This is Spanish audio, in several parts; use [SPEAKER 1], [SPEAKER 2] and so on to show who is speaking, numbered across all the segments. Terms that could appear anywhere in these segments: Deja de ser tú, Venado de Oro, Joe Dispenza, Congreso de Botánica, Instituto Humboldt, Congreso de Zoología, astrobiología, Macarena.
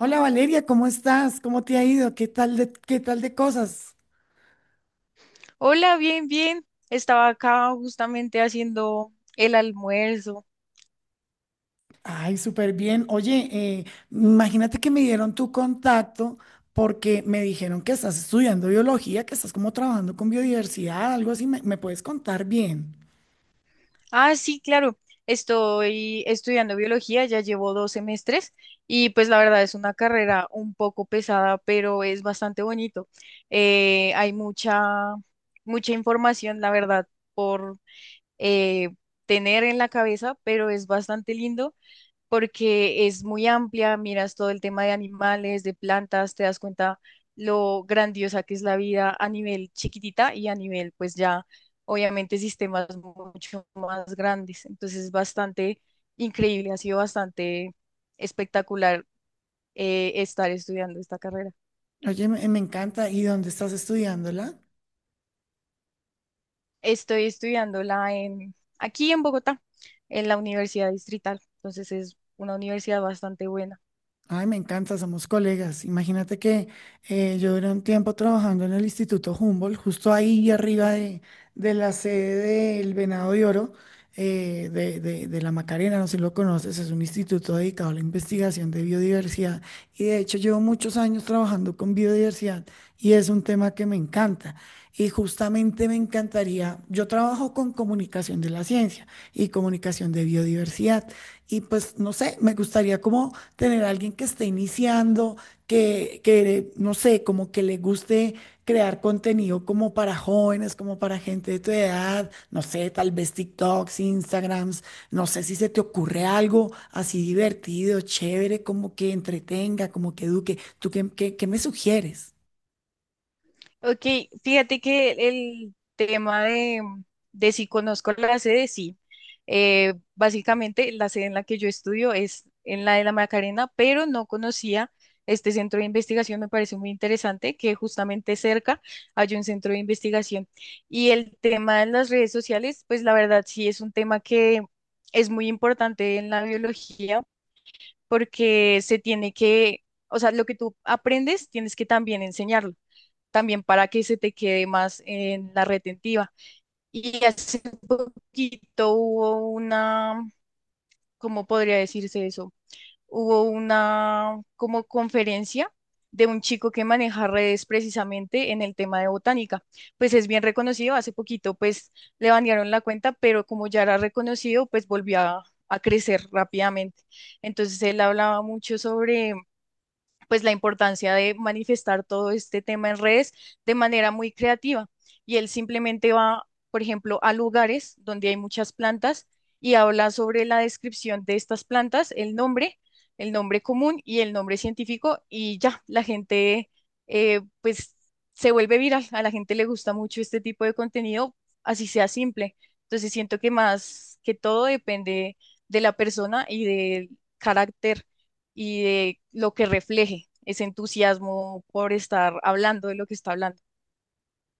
[SPEAKER 1] Hola Valeria, ¿cómo estás? ¿Cómo te ha ido? ¿Qué tal de cosas?
[SPEAKER 2] Hola, bien, bien. Estaba acá justamente haciendo el almuerzo.
[SPEAKER 1] Ay, súper bien. Oye, eh, imagínate que me dieron tu contacto porque me dijeron que estás estudiando biología, que estás como trabajando con biodiversidad, algo así. ¿Me puedes contar bien?
[SPEAKER 2] Ah, sí, claro. Estoy estudiando biología, ya llevo dos semestres y pues la verdad es una carrera un poco pesada, pero es bastante bonito. Hay mucha información, la verdad, por eh, tener en la cabeza, pero es bastante lindo. Porque es muy amplia, miras todo el tema de animales, de plantas, te das cuenta lo grandiosa que es la vida a nivel chiquitita y a nivel, pues ya, obviamente, sistemas mucho más grandes. Entonces es bastante increíble, ha sido bastante espectacular estar estudiando esta carrera.
[SPEAKER 1] Oye, me encanta. ¿Y dónde estás estudiándola?
[SPEAKER 2] Estoy estudiándola aquí en Bogotá, en la Universidad Distrital. Entonces es una universidad bastante buena.
[SPEAKER 1] Ay, me encanta, somos colegas. Imagínate que yo duré un tiempo trabajando en el Instituto Humboldt, justo ahí arriba de la sede del Venado de Oro, de la Macarena, no sé si lo conoces, es un instituto dedicado a la investigación de biodiversidad. Y de hecho llevo muchos años trabajando con biodiversidad y es un tema que me encanta. Y justamente me encantaría, yo trabajo con comunicación de la ciencia y comunicación de biodiversidad. Y pues, no sé, me gustaría como tener a alguien que esté iniciando, no sé, como que le guste crear contenido como para jóvenes, como para gente de tu edad, no sé, tal vez TikToks, Instagrams, no sé si se te ocurre algo así divertido, chévere, como que entretenga, como que eduque. ¿Tú qué me sugieres?
[SPEAKER 2] Ok, fíjate que el tema de si conozco la sede, sí. Básicamente la sede en la que yo estudio es en la de la Macarena, pero no conocía este centro de investigación, me parece muy interesante que justamente cerca hay un centro de investigación. Y el tema de las redes sociales, pues la verdad sí es un tema que es muy importante en la biología porque se tiene que, o sea, lo que tú aprendes tienes que también enseñarlo también para que se te quede más en la retentiva. Y hace poquito ¿cómo podría decirse eso? Hubo una como conferencia de un chico que maneja redes precisamente en el tema de botánica. Pues es bien reconocido, hace poquito pues le banearon la cuenta, pero como ya era reconocido, pues volvió a crecer rápidamente. Entonces él hablaba mucho sobre pues la importancia de manifestar todo este tema en redes de manera muy creativa. Y él simplemente va, por ejemplo, a lugares donde hay muchas plantas y habla sobre la descripción de estas plantas, el nombre común y el nombre científico y ya, la gente pues se vuelve viral, a la gente le gusta mucho este tipo de contenido, así sea simple. Entonces siento que más que todo depende de la persona y del carácter y de lo que refleje ese entusiasmo por estar hablando de lo que está hablando.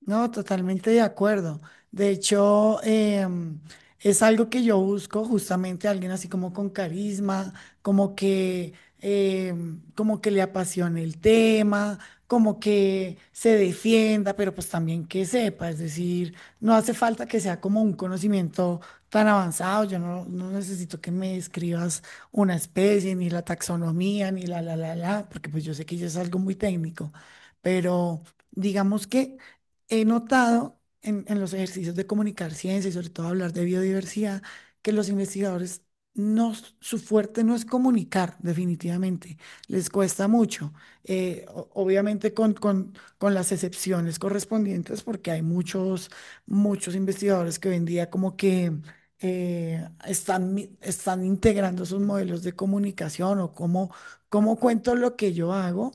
[SPEAKER 1] No, totalmente de acuerdo. De hecho, es algo que yo busco justamente alguien así como con carisma, como que, como que le apasione el tema, como que se defienda, pero pues también que sepa. Es decir, no hace falta que sea como un conocimiento tan avanzado. Yo no necesito que me describas una especie, ni la taxonomía, ni porque pues yo sé que ya es algo muy técnico, pero digamos que he notado en los ejercicios de comunicar ciencia y sobre todo hablar de biodiversidad, que los investigadores, su fuerte no es comunicar, definitivamente, les cuesta mucho, obviamente con las excepciones correspondientes, porque hay muchos, muchos investigadores que hoy en día como que están, están integrando sus modelos de comunicación o cómo, cómo cuento lo que yo hago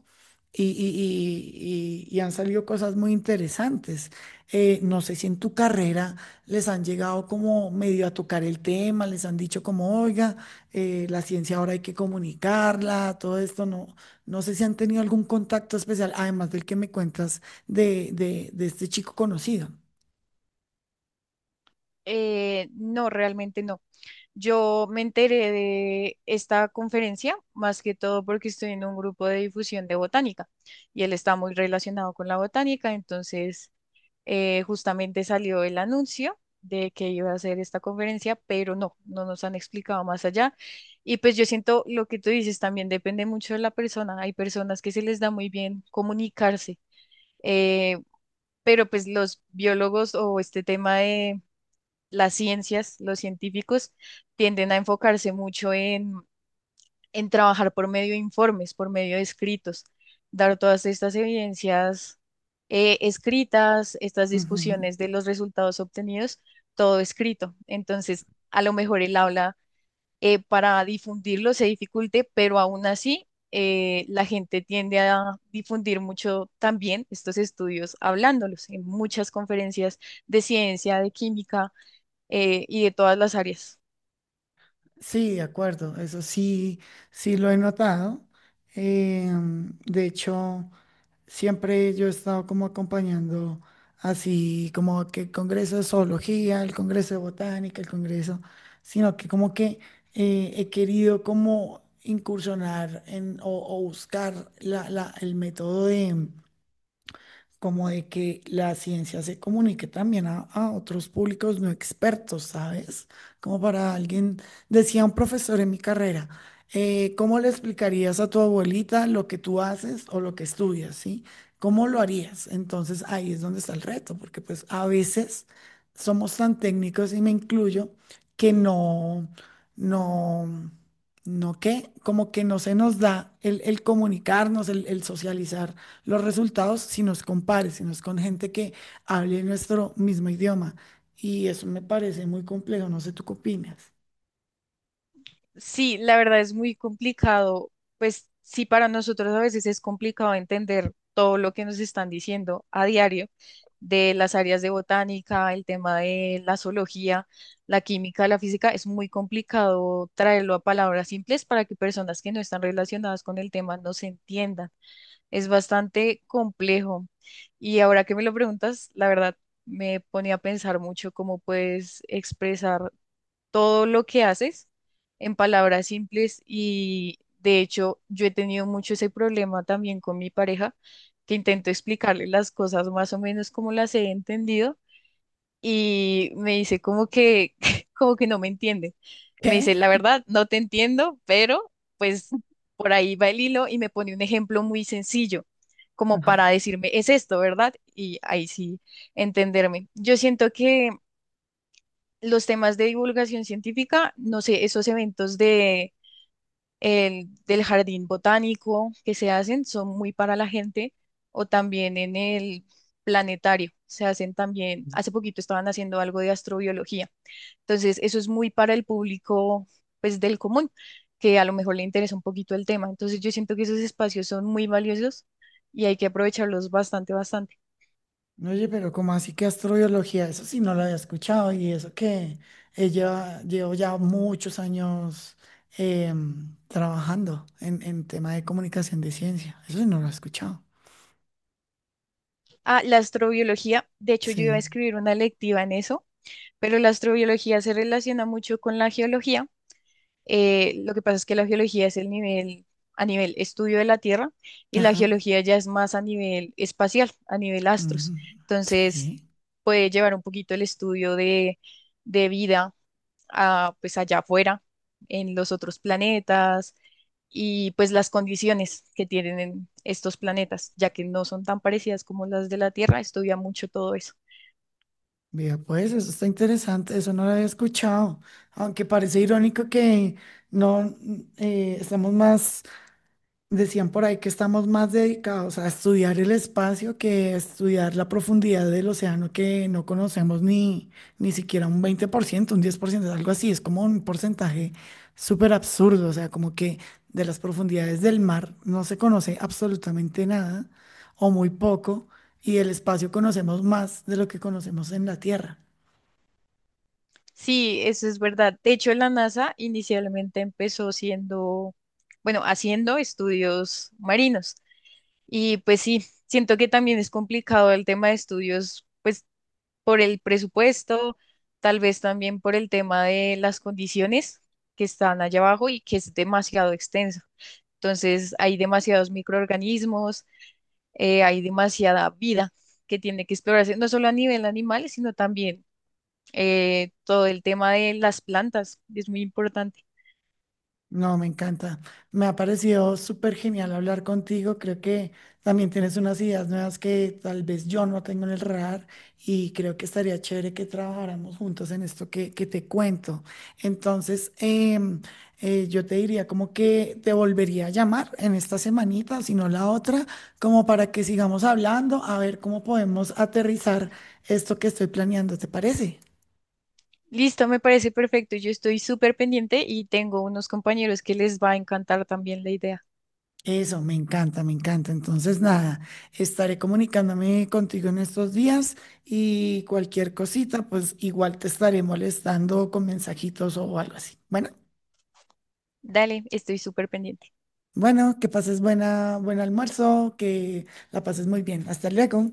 [SPEAKER 1] y, y- y han salido cosas muy interesantes. No sé si en tu carrera les han llegado como medio a tocar el tema, les han dicho como, oiga, la ciencia ahora hay que comunicarla, todo esto, no sé si han tenido algún contacto especial, además del que me cuentas de este chico conocido.
[SPEAKER 2] No, realmente no. Yo me enteré de esta conferencia más que todo porque estoy en un grupo de difusión de botánica y él está muy relacionado con la botánica, entonces justamente salió el anuncio de que iba a hacer esta conferencia, pero no, no nos han explicado más allá. Y pues yo siento lo que tú dices también depende mucho de la persona. Hay personas que se les da muy bien comunicarse, eh, pero pues los biólogos o este tema de las ciencias, los científicos, tienden a enfocarse mucho en trabajar por medio de informes, por medio de escritos, dar todas estas evidencias escritas, estas
[SPEAKER 1] Ujú.
[SPEAKER 2] discusiones de los resultados obtenidos, todo escrito. Entonces, a lo mejor el habla, para difundirlo se dificulte, pero aún así la gente tiende a difundir mucho también estos estudios hablándolos en muchas conferencias de ciencia, de química, y de todas las áreas.
[SPEAKER 1] Sí, de acuerdo, eso sí, sí lo he notado. De hecho, siempre yo he estado como acompañando así como que el Congreso de Zoología, el Congreso de Botánica, el Congreso, sino que como que he querido como incursionar o buscar el método de, como de que la ciencia se comunique también a otros públicos no expertos, ¿sabes? Como para alguien, decía un profesor en mi carrera, ¿cómo le explicarías a tu abuelita lo que tú haces o lo que estudias, ¿sí? ¿Cómo lo harías? Entonces ahí es donde está el reto, porque pues a veces somos tan técnicos y me incluyo que no, como que no se nos da el comunicarnos, el socializar los resultados si nos compares, si nos con gente que hable nuestro mismo idioma. Y eso me parece muy complejo, no sé tú qué opinas.
[SPEAKER 2] Sí, la verdad es muy complicado. Pues sí, para nosotros a veces es complicado entender todo lo que nos están diciendo a diario de las áreas de botánica, el tema de la zoología, la química, la física. Es muy complicado traerlo a palabras simples para que personas que no están relacionadas con el tema no se entiendan. Es bastante complejo. Y ahora que me lo preguntas, la verdad me pone a pensar mucho cómo puedes expresar todo lo que haces en palabras simples y de hecho yo he tenido mucho ese problema también con mi pareja, que intento explicarle las cosas más o menos como las he entendido y me dice como que como que no me entiende. Me
[SPEAKER 1] ¿Qué?
[SPEAKER 2] dice, la verdad, no te entiendo, pero pues por ahí va el hilo y me pone un ejemplo muy sencillo, como para
[SPEAKER 1] Ajá.
[SPEAKER 2] decirme, es esto, ¿verdad? Y ahí sí entenderme. Yo siento que los temas de divulgación científica, no sé, esos eventos del jardín botánico que se hacen son muy para la gente o también en el planetario. Se hacen también, hace poquito estaban haciendo algo de astrobiología. Entonces, eso es muy para el público, pues, del común, que a lo mejor le interesa un poquito el tema. Entonces, yo siento que esos espacios son muy valiosos y hay que aprovecharlos bastante, bastante.
[SPEAKER 1] Oye, pero ¿cómo así que astrobiología? Eso sí no lo había escuchado y eso que ella llevo ya muchos años trabajando en tema de comunicación de ciencia. Eso sí no lo he escuchado.
[SPEAKER 2] Ah, la astrobiología, de hecho, yo iba a
[SPEAKER 1] Sí.
[SPEAKER 2] escribir una electiva en eso, pero la astrobiología se relaciona mucho con la geología. Lo que pasa es que la geología es el nivel, a nivel estudio de la Tierra, y la
[SPEAKER 1] Ajá.
[SPEAKER 2] geología ya es más a nivel espacial, a nivel astros.
[SPEAKER 1] Ujú.
[SPEAKER 2] Entonces,
[SPEAKER 1] Sí.
[SPEAKER 2] puede llevar un poquito el estudio de vida a, pues allá afuera, en los otros planetas y pues las condiciones que tienen en estos planetas, ya que no son tan parecidas como las de la Tierra, estudia mucho todo eso.
[SPEAKER 1] Vea, pues eso está interesante, eso no lo había escuchado, aunque parece irónico que no mm, estamos más, decían por ahí que estamos más dedicados a estudiar el espacio que a estudiar la profundidad del océano que no conocemos ni siquiera un 20%, un 10%, algo así, es como un porcentaje súper absurdo, o sea, como que de las profundidades del mar no se conoce absolutamente nada o muy poco y del espacio conocemos más de lo que conocemos en la Tierra.
[SPEAKER 2] Sí, eso es verdad. De hecho, la NASA inicialmente empezó siendo, bueno, haciendo estudios marinos. Y pues sí, siento que también es complicado el tema de estudios, pues por el presupuesto, tal vez también por el tema de las condiciones que están allá abajo y que es demasiado extenso. Entonces, hay demasiados microorganismos, hay demasiada vida que tiene que explorarse, no solo a nivel animal, sino también, todo el tema de las plantas es muy importante.
[SPEAKER 1] No, me encanta. Me ha parecido súper genial hablar contigo. Creo que también tienes unas ideas nuevas que tal vez yo no tengo en el radar y creo que estaría chévere que trabajáramos juntos en esto que te cuento. Entonces, yo te diría como que te volvería a llamar en esta semanita, si no la otra, como para que sigamos hablando, a ver cómo podemos aterrizar esto que estoy planeando, ¿te parece?
[SPEAKER 2] Listo, me parece perfecto. Yo estoy súper pendiente y tengo unos compañeros que les va a encantar también la idea.
[SPEAKER 1] Eso, me encanta, me encanta. Entonces, nada, estaré comunicándome contigo en estos días y cualquier cosita, pues igual te estaré molestando con mensajitos o algo así. Bueno,
[SPEAKER 2] Dale, estoy súper pendiente.
[SPEAKER 1] bueno, que pases buen almuerzo, que la pases muy bien. Hasta luego.